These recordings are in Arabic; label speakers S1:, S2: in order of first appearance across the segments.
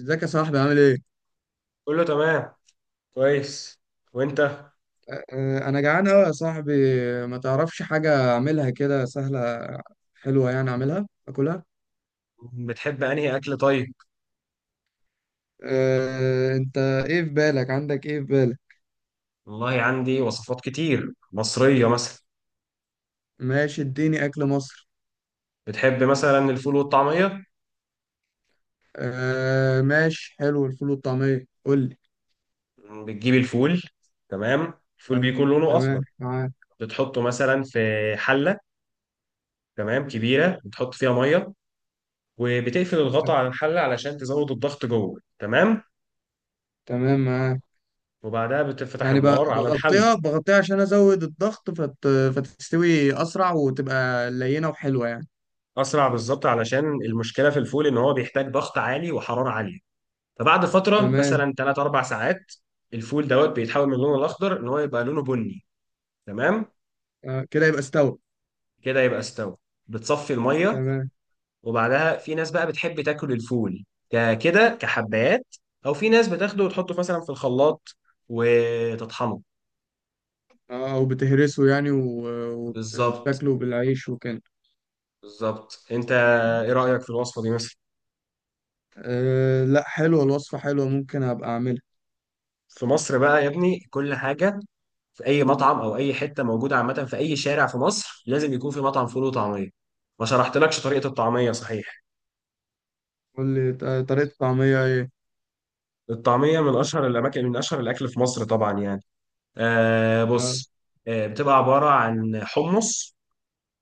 S1: ازيك يا صاحبي عامل ايه؟
S2: كله تمام. كويس. وانت؟
S1: أه، انا جعان قوي يا صاحبي. ما تعرفش حاجة اعملها كده سهلة حلوة يعني اعملها اكلها.
S2: بتحب انهي اكل طيب؟
S1: أه، انت ايه في بالك عندك ايه في بالك؟
S2: والله عندي وصفات كتير مصرية، مثلا
S1: ماشي اديني اكل مصر.
S2: بتحب مثلا الفول والطعمية؟
S1: أه، ماشي حلو الفول والطعمية قول لي.
S2: بتجيب الفول، تمام. الفول
S1: أيوة،
S2: بيكون لونه اخضر،
S1: تمام معاك.
S2: بتحطه مثلا في حلة، تمام، كبيرة، بتحط فيها مية، وبتقفل الغطا على الحلة علشان تزود الضغط جوه، تمام.
S1: تمام معاك.
S2: وبعدها بتفتح
S1: يعني
S2: النار على الحل.
S1: بغطيها عشان ازود الضغط فتستوي اسرع وتبقى لينة وحلوة يعني.
S2: اسرع بالظبط، علشان المشكلة في الفول ان هو بيحتاج ضغط عالي وحرارة عالية. فبعد فتره
S1: تمام.
S2: مثلا 3 4 ساعات الفول دوت بيتحول من لونه الاخضر ان هو يبقى لونه بني، تمام.
S1: أه، كده يبقى استوى.
S2: كده يبقى استوى، بتصفي الميه.
S1: تمام.
S2: وبعدها في ناس بقى بتحب تاكل الفول كده كحبات، او في ناس بتاخده وتحطه مثلا في الخلاط وتطحنه.
S1: اه وبتهرسه يعني
S2: بالظبط،
S1: وبتاكله بالعيش وكده.
S2: بالظبط انت. ايه رايك في الوصفه دي مثلا؟
S1: آه لا حلوة الوصفة حلوة ممكن أبقى أعملها.
S2: في مصر بقى يا ابني كل حاجه، في اي مطعم او اي حته موجوده عامه، في اي شارع في مصر لازم يكون في مطعم فول وطعميه. ما شرحتلكش طريقه الطعميه، صحيح؟
S1: قول لي طريقة الطعمية إيه.
S2: الطعمية من أشهر الأماكن، من أشهر الأكل في مصر طبعا، يعني
S1: آه.
S2: بص. بتبقى عبارة عن حمص،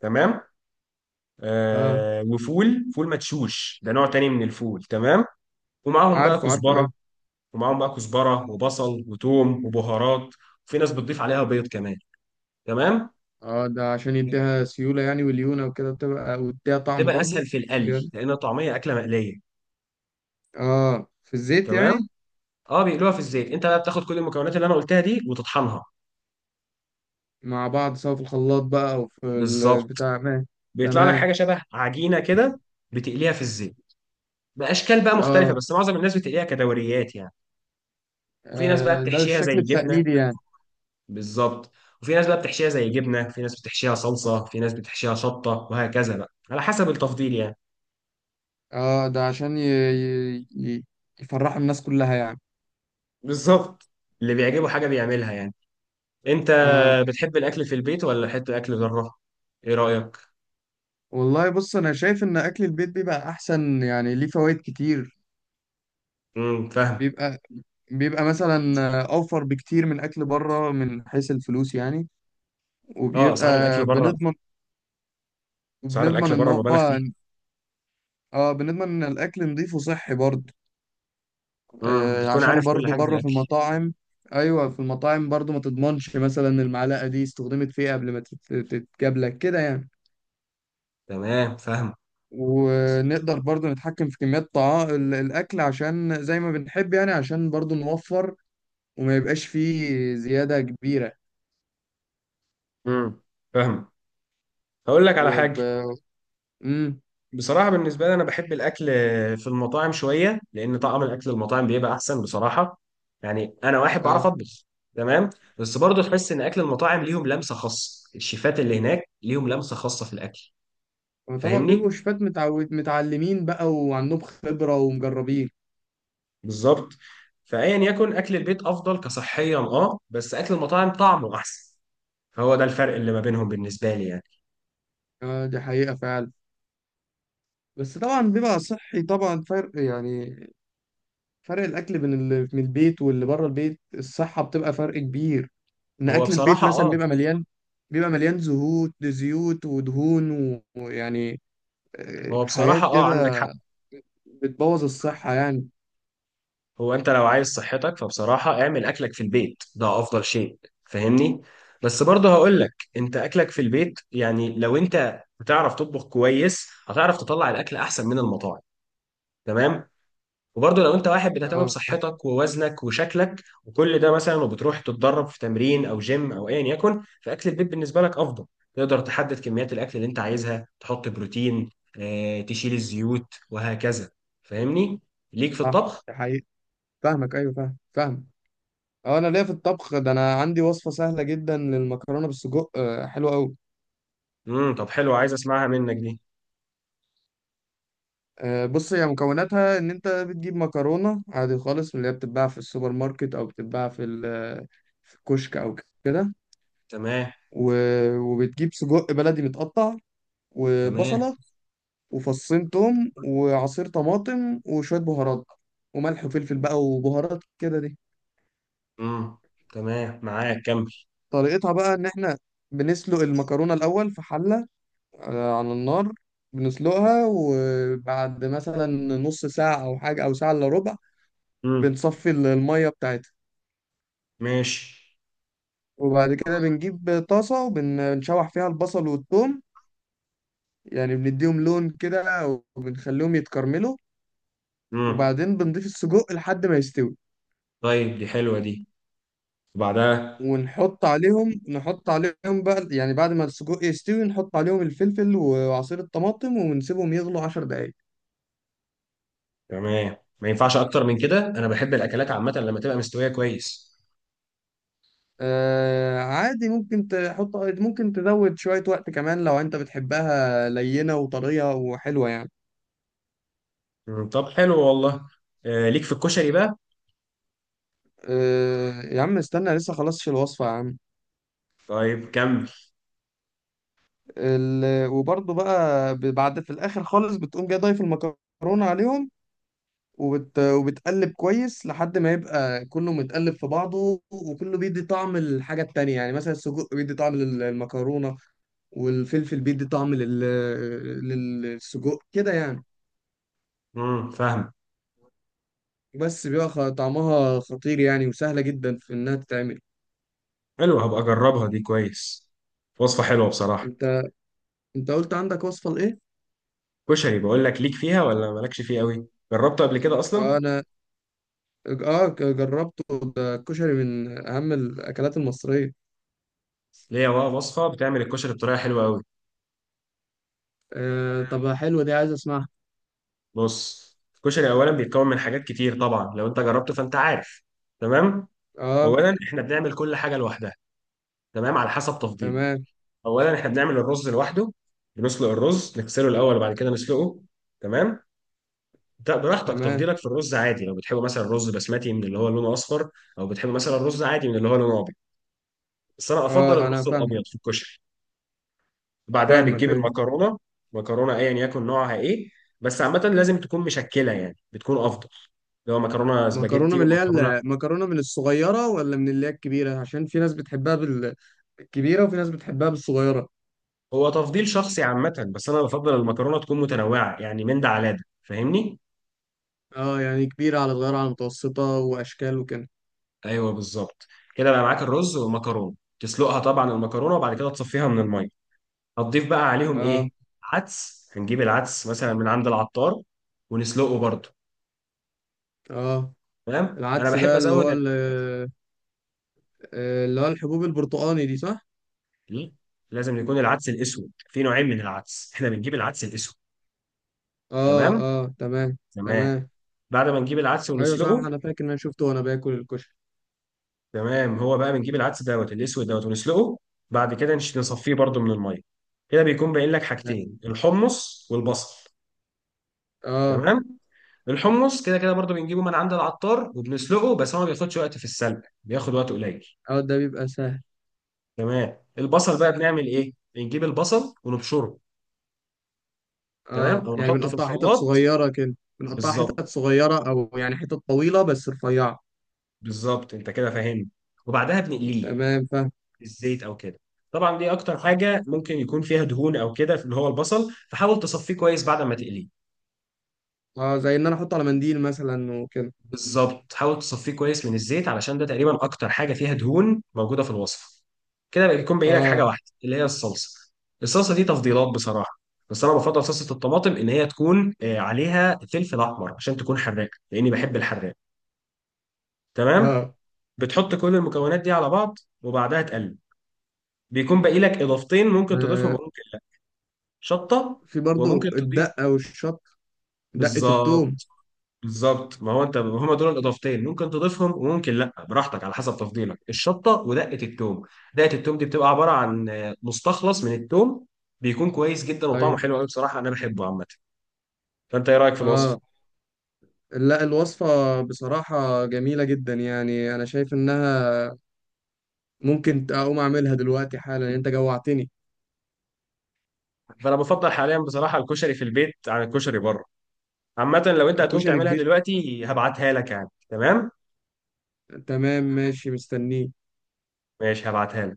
S2: تمام،
S1: آه
S2: وفول، فول مدشوش، ده نوع تاني من الفول، تمام. ومعاهم بقى
S1: عارفه عارفه
S2: كزبرة،
S1: أيوة.
S2: ومعاهم بقى كزبرة وبصل وتوم وبهارات، وفي ناس بتضيف عليها بيض كمان، تمام.
S1: آه ده عشان يديها سيولة يعني وليونة وكده بتبقى ويديها طعم
S2: بتبقى أسهل
S1: برضه.
S2: في القلي
S1: زيادة.
S2: لأن الطعمية أكلة مقلية.
S1: آه في الزيت
S2: تمام،
S1: يعني.
S2: اه بيقلوها في الزيت. انت بقى بتاخد كل المكونات اللي انا قلتها دي وتطحنها.
S1: مع بعض سواء في الخلاط بقى أو في
S2: بالظبط،
S1: البتاع ما.
S2: بيطلع لك
S1: تمام.
S2: حاجه شبه عجينه كده، بتقليها في الزيت باشكال بقى مختلفه،
S1: آه.
S2: بس معظم الناس بتقليها كدوريات يعني. وفي ناس بقى
S1: آه، ده
S2: بتحشيها
S1: الشكل
S2: زي جبنه،
S1: التقليدي يعني.
S2: بالظبط. وفي ناس بقى بتحشيها زي جبنه، في ناس بتحشيها صلصه، في ناس بتحشيها شطه، وهكذا بقى على حسب التفضيل يعني.
S1: آه ده عشان يفرح الناس كلها يعني.
S2: بالظبط، اللي بيعجبه حاجه بيعملها يعني. انت
S1: آه.
S2: بتحب الاكل في البيت ولا حته اكل بره؟ ايه رايك؟
S1: والله بص انا شايف ان اكل البيت بيبقى احسن يعني ليه فوائد كتير.
S2: فاهم.
S1: بيبقى بيبقى مثلا اوفر بكتير من اكل بره من حيث الفلوس يعني.
S2: اه
S1: وبيبقى
S2: اسعار الاكل بره،
S1: بنضمن
S2: اسعار
S1: وبنضمن
S2: الاكل
S1: ان
S2: بره مبالغ
S1: هو
S2: فيها.
S1: اه بنضمن ان الاكل نضيف وصحي برضه. آه
S2: بتكون
S1: عشان
S2: عارف كل
S1: برضه
S2: حاجه في
S1: بره في
S2: الاكل.
S1: المطاعم ايوه في المطاعم برضه ما تضمنش مثلا المعلقه دي استخدمت في ايه قبل ما تتجاب لك كده يعني.
S2: تمام، فاهم.
S1: ونقدر برضه نتحكم في كميات طعام الاكل عشان زي ما بنحب يعني عشان برضه نوفر وما يبقاش فيه زيادة كبيرة.
S2: امم فاهم. هقول لك على
S1: وب...
S2: حاجه.
S1: مم.
S2: بصراحة بالنسبة لي أنا بحب الأكل في المطاعم شوية، لأن طعم الأكل المطاعم بيبقى أحسن بصراحة. يعني أنا واحد بعرف
S1: اه
S2: أطبخ، تمام. بس برضه تحس إن أكل المطاعم ليهم لمسة خاصة، الشيفات اللي هناك ليهم لمسة خاصة في الأكل،
S1: طبعا بيبقوا
S2: فاهمني؟
S1: شفات متعود متعلمين بقى وعندهم خبرة ومجربين.
S2: بالظبط. فأيا يكن، أكل البيت أفضل كصحيا، بس أكل المطاعم طعمه أحسن. فهو ده الفرق اللي ما بينهم بالنسبة لي يعني.
S1: اه دي حقيقة فعلا. بس طبعا بيبقى صحي طبعا فرق يعني. فرق الأكل بين اللي من البيت واللي بره البيت الصحة بتبقى فرق كبير. إن
S2: هو
S1: أكل البيت
S2: بصراحة،
S1: مثلا بيبقى مليان زهوت زيوت ودهون ويعني آه،
S2: هو
S1: حاجات
S2: بصراحة، عندك
S1: كده
S2: حق.
S1: بتبوظ الصحة يعني.
S2: هو انت لو عايز صحتك فبصراحة اعمل اكلك في البيت، ده افضل شيء، فاهمني. بس برضه هقول لك، انت اكلك في البيت يعني لو انت بتعرف تطبخ كويس هتعرف تطلع الاكل احسن من المطاعم، تمام. وبرضه لو انت واحد بتهتم
S1: اه
S2: بصحتك ووزنك وشكلك وكل ده مثلا، وبتروح تتدرب في تمرين او جيم او ايا يكن، فاكل البيت بالنسبة لك افضل. تقدر تحدد كميات الاكل اللي انت عايزها، تحط بروتين، تشيل الزيوت وهكذا، فاهمني، ليك في
S1: صح
S2: الطبخ.
S1: دي حقيقة فاهمك أيوه فاهم فاهم. اه انا ليا في الطبخ ده انا عندي وصفه سهله جدا للمكرونه بالسجق آه، حلوه قوي.
S2: طب حلو، عايز اسمعها منك دي.
S1: آه، بص هي مكوناتها ان انت بتجيب مكرونه عادي خالص من اللي هي بتتباع في السوبر ماركت او بتتباع في الكشك او كده.
S2: تمام.
S1: وبتجيب سجق بلدي متقطع
S2: تمام.
S1: وبصله وفصين توم وعصير طماطم وشويه بهارات وملح وفلفل بقى وبهارات كده دي.
S2: امم تمام معاك، كمل.
S1: طريقتها بقى ان احنا بنسلق المكرونه الاول في حله. آه، على النار. بنسلقها وبعد مثلا نص ساعة أو حاجة أو ساعة إلا ربع
S2: امم
S1: بنصفي المية بتاعتها.
S2: ماشي.
S1: وبعد كده بنجيب طاسة وبنشوح فيها البصل والثوم يعني بنديهم لون كده وبنخليهم يتكرملوا.
S2: امم
S1: وبعدين بنضيف السجق لحد ما يستوي.
S2: طيب دي حلوه دي. وبعدها
S1: ونحط عليهم بقى يعني بعد ما السجق يستوي نحط عليهم الفلفل وعصير الطماطم ونسيبهم يغلوا 10 دقايق.
S2: تمام، ما ينفعش اكتر من كده، انا بحب الاكلات عامه لما تبقى مستويه كويس.
S1: آه عادي ممكن تحط ممكن تزود شوية وقت كمان لو انت بتحبها لينة وطرية وحلوة يعني.
S2: طب حلو والله. آه ليك في الكشري بقى.
S1: آه يا عم استنى لسه خلصش الوصفة يا عم.
S2: طيب كمل.
S1: وبرضه بقى بعد في الآخر خالص بتقوم جاي ضايف المكرونة عليهم وبتقلب كويس لحد ما يبقى كله متقلب في بعضه وكله بيدي طعم الحاجة التانية يعني مثلا السجق بيدي طعم المكرونة والفلفل بيدي طعم للسجق كده يعني.
S2: فاهم.
S1: بس بيبقى طعمها خطير يعني وسهلة جدا في إنها تتعمل.
S2: حلو، هبقى اجربها دي كويس، وصفه حلوه بصراحه.
S1: أنت أنت قلت عندك وصفة لإيه؟
S2: كشري، بقول لك ليك فيها ولا مالكش فيه قوي، جربته قبل كده اصلا؟
S1: آه، أنا آه جربته. ده الكشري من أهم الأكلات المصرية.
S2: ليا بقى وصفه بتعمل الكشري بطريقه حلوه قوي.
S1: آه طب حلوة دي عايز أسمعها.
S2: بص، الكشري اولا بيتكون من حاجات كتير طبعا، لو انت جربته فانت عارف، تمام.
S1: آه
S2: اولا احنا بنعمل كل حاجه لوحدها، تمام، على حسب تفضيله.
S1: تمام
S2: اولا احنا بنعمل الرز لوحده، بنسلق الرز نغسله الاول وبعد كده نسلقه، تمام. ده براحتك،
S1: تمام.
S2: تفضيلك في الرز عادي لو بتحب مثلا الرز بسمتي من اللي هو لونه اصفر، او بتحب مثلا الرز عادي من اللي هو لونه ابيض، بس انا افضل
S1: آه أنا
S2: الرز
S1: فاهمك
S2: الابيض في الكشري. بعدها
S1: فاهمك
S2: بتجيب
S1: أيوة.
S2: المكرونه، مكرونه ايا يكن نوعها ايه، بس عامه لازم تكون مشكله يعني بتكون افضل، اللي هو مكرونه
S1: مكرونة
S2: سباجيتي
S1: من اللي هي
S2: ومكرونه.
S1: المكرونة من الصغيرة ولا من اللي هي الكبيرة عشان في ناس بتحبها بالكبيرة وفي ناس بتحبها بالصغيرة.
S2: هو تفضيل شخصي عامة، بس أنا بفضل المكرونة تكون متنوعة، يعني من ده على ده، فاهمني؟
S1: آه يعني كبيرة على صغيرة على متوسطة وأشكال وكده.
S2: أيوه بالظبط. كده بقى معاك الرز والمكرونة، تسلقها طبعا المكرونة وبعد كده تصفيها من المية. هتضيف بقى عليهم
S1: آه.
S2: إيه؟ عدس، هنجيب العدس مثلا من عند العطار ونسلقه برضه.
S1: آه
S2: تمام؟ أنا
S1: العدس
S2: بحب
S1: ده اللي
S2: أزود
S1: هو
S2: ال-.
S1: آه، اللي هو الحبوب البرتقاني دي صح؟
S2: إيه؟ لازم يكون العدس الأسود، في نوعين من العدس، إحنا بنجيب العدس الأسود،
S1: اه
S2: تمام؟
S1: اه تمام
S2: تمام.
S1: تمام.
S2: بعد ما نجيب العدس
S1: ايوه صح
S2: ونسلقه،
S1: انا فاكر ان انا شفته وانا باكل الكشري.
S2: تمام. هو بقى بنجيب العدس دوت الاسود دوت ونسلقه. بعد كده نصفيه برضو من الميه. كده بيكون باين لك حاجتين، الحمص والبصل،
S1: اه.
S2: تمام. الحمص كده كده برضو بنجيبه من عند العطار وبنسلقه، بس هو ما بياخدش وقت في السلق، بياخد وقت قليل،
S1: اه ده بيبقى سهل.
S2: تمام. البصل بقى بنعمل ايه؟ بنجيب البصل ونبشره، تمام،
S1: اه
S2: او
S1: يعني
S2: نحطه في
S1: بنقطع حتت
S2: الخلاط.
S1: صغيرة كده بنقطع حتت
S2: بالظبط،
S1: صغيرة او يعني حتت طويلة بس رفيعة.
S2: بالظبط انت كده فاهمني. وبعدها بنقليه
S1: تمام فاهم.
S2: في الزيت او كده. طبعا دي اكتر حاجه ممكن يكون فيها دهون او كده، اللي هو البصل، فحاول تصفيه كويس بعد ما تقليه.
S1: اه زي ان انا احطه على منديل مثلا وكده.
S2: بالظبط، حاول تصفيه كويس من الزيت علشان ده تقريبا اكتر حاجه فيها دهون موجوده في الوصفه. كده بقى بيكون باقي لك حاجه
S1: اه.
S2: واحده، اللي هي الصلصه. الصلصه دي تفضيلات بصراحه، بس انا بفضل صلصه الطماطم ان هي تكون عليها فلفل احمر عشان تكون حراقه، لاني بحب الحراق، تمام.
S1: اه.
S2: بتحط كل المكونات دي على بعض وبعدها تقلب. بيكون باقي لك اضافتين ممكن تضيفهم،
S1: آه،
S2: ممكن شطه
S1: في برضو
S2: وممكن تضيف،
S1: الدقة والشط دقة التوم.
S2: بالظبط. بالظبط، ما هو انت هما دول الاضافتين، ممكن تضيفهم وممكن لا، براحتك على حسب تفضيلك، الشطه ودقه التوم. دقه التوم دي بتبقى عباره عن مستخلص من التوم، بيكون كويس جدا وطعمه
S1: ايوه.
S2: حلو قوي بصراحه، انا بحبه عامه. فانت ايه رايك في الوصف؟
S1: اه لا الوصفة بصراحة جميلة جدا يعني أنا شايف إنها ممكن أقوم أعملها دلوقتي حالا أنت جوعتني.
S2: فانا بفضل حاليا بصراحه الكشري في البيت عن الكشري بره. عامه لو انت هتقوم
S1: كشري
S2: تعملها
S1: البيت.
S2: دلوقتي هبعتها لك يعني، تمام،
S1: تمام ماشي مستنيك.
S2: ماشي هبعتها لك.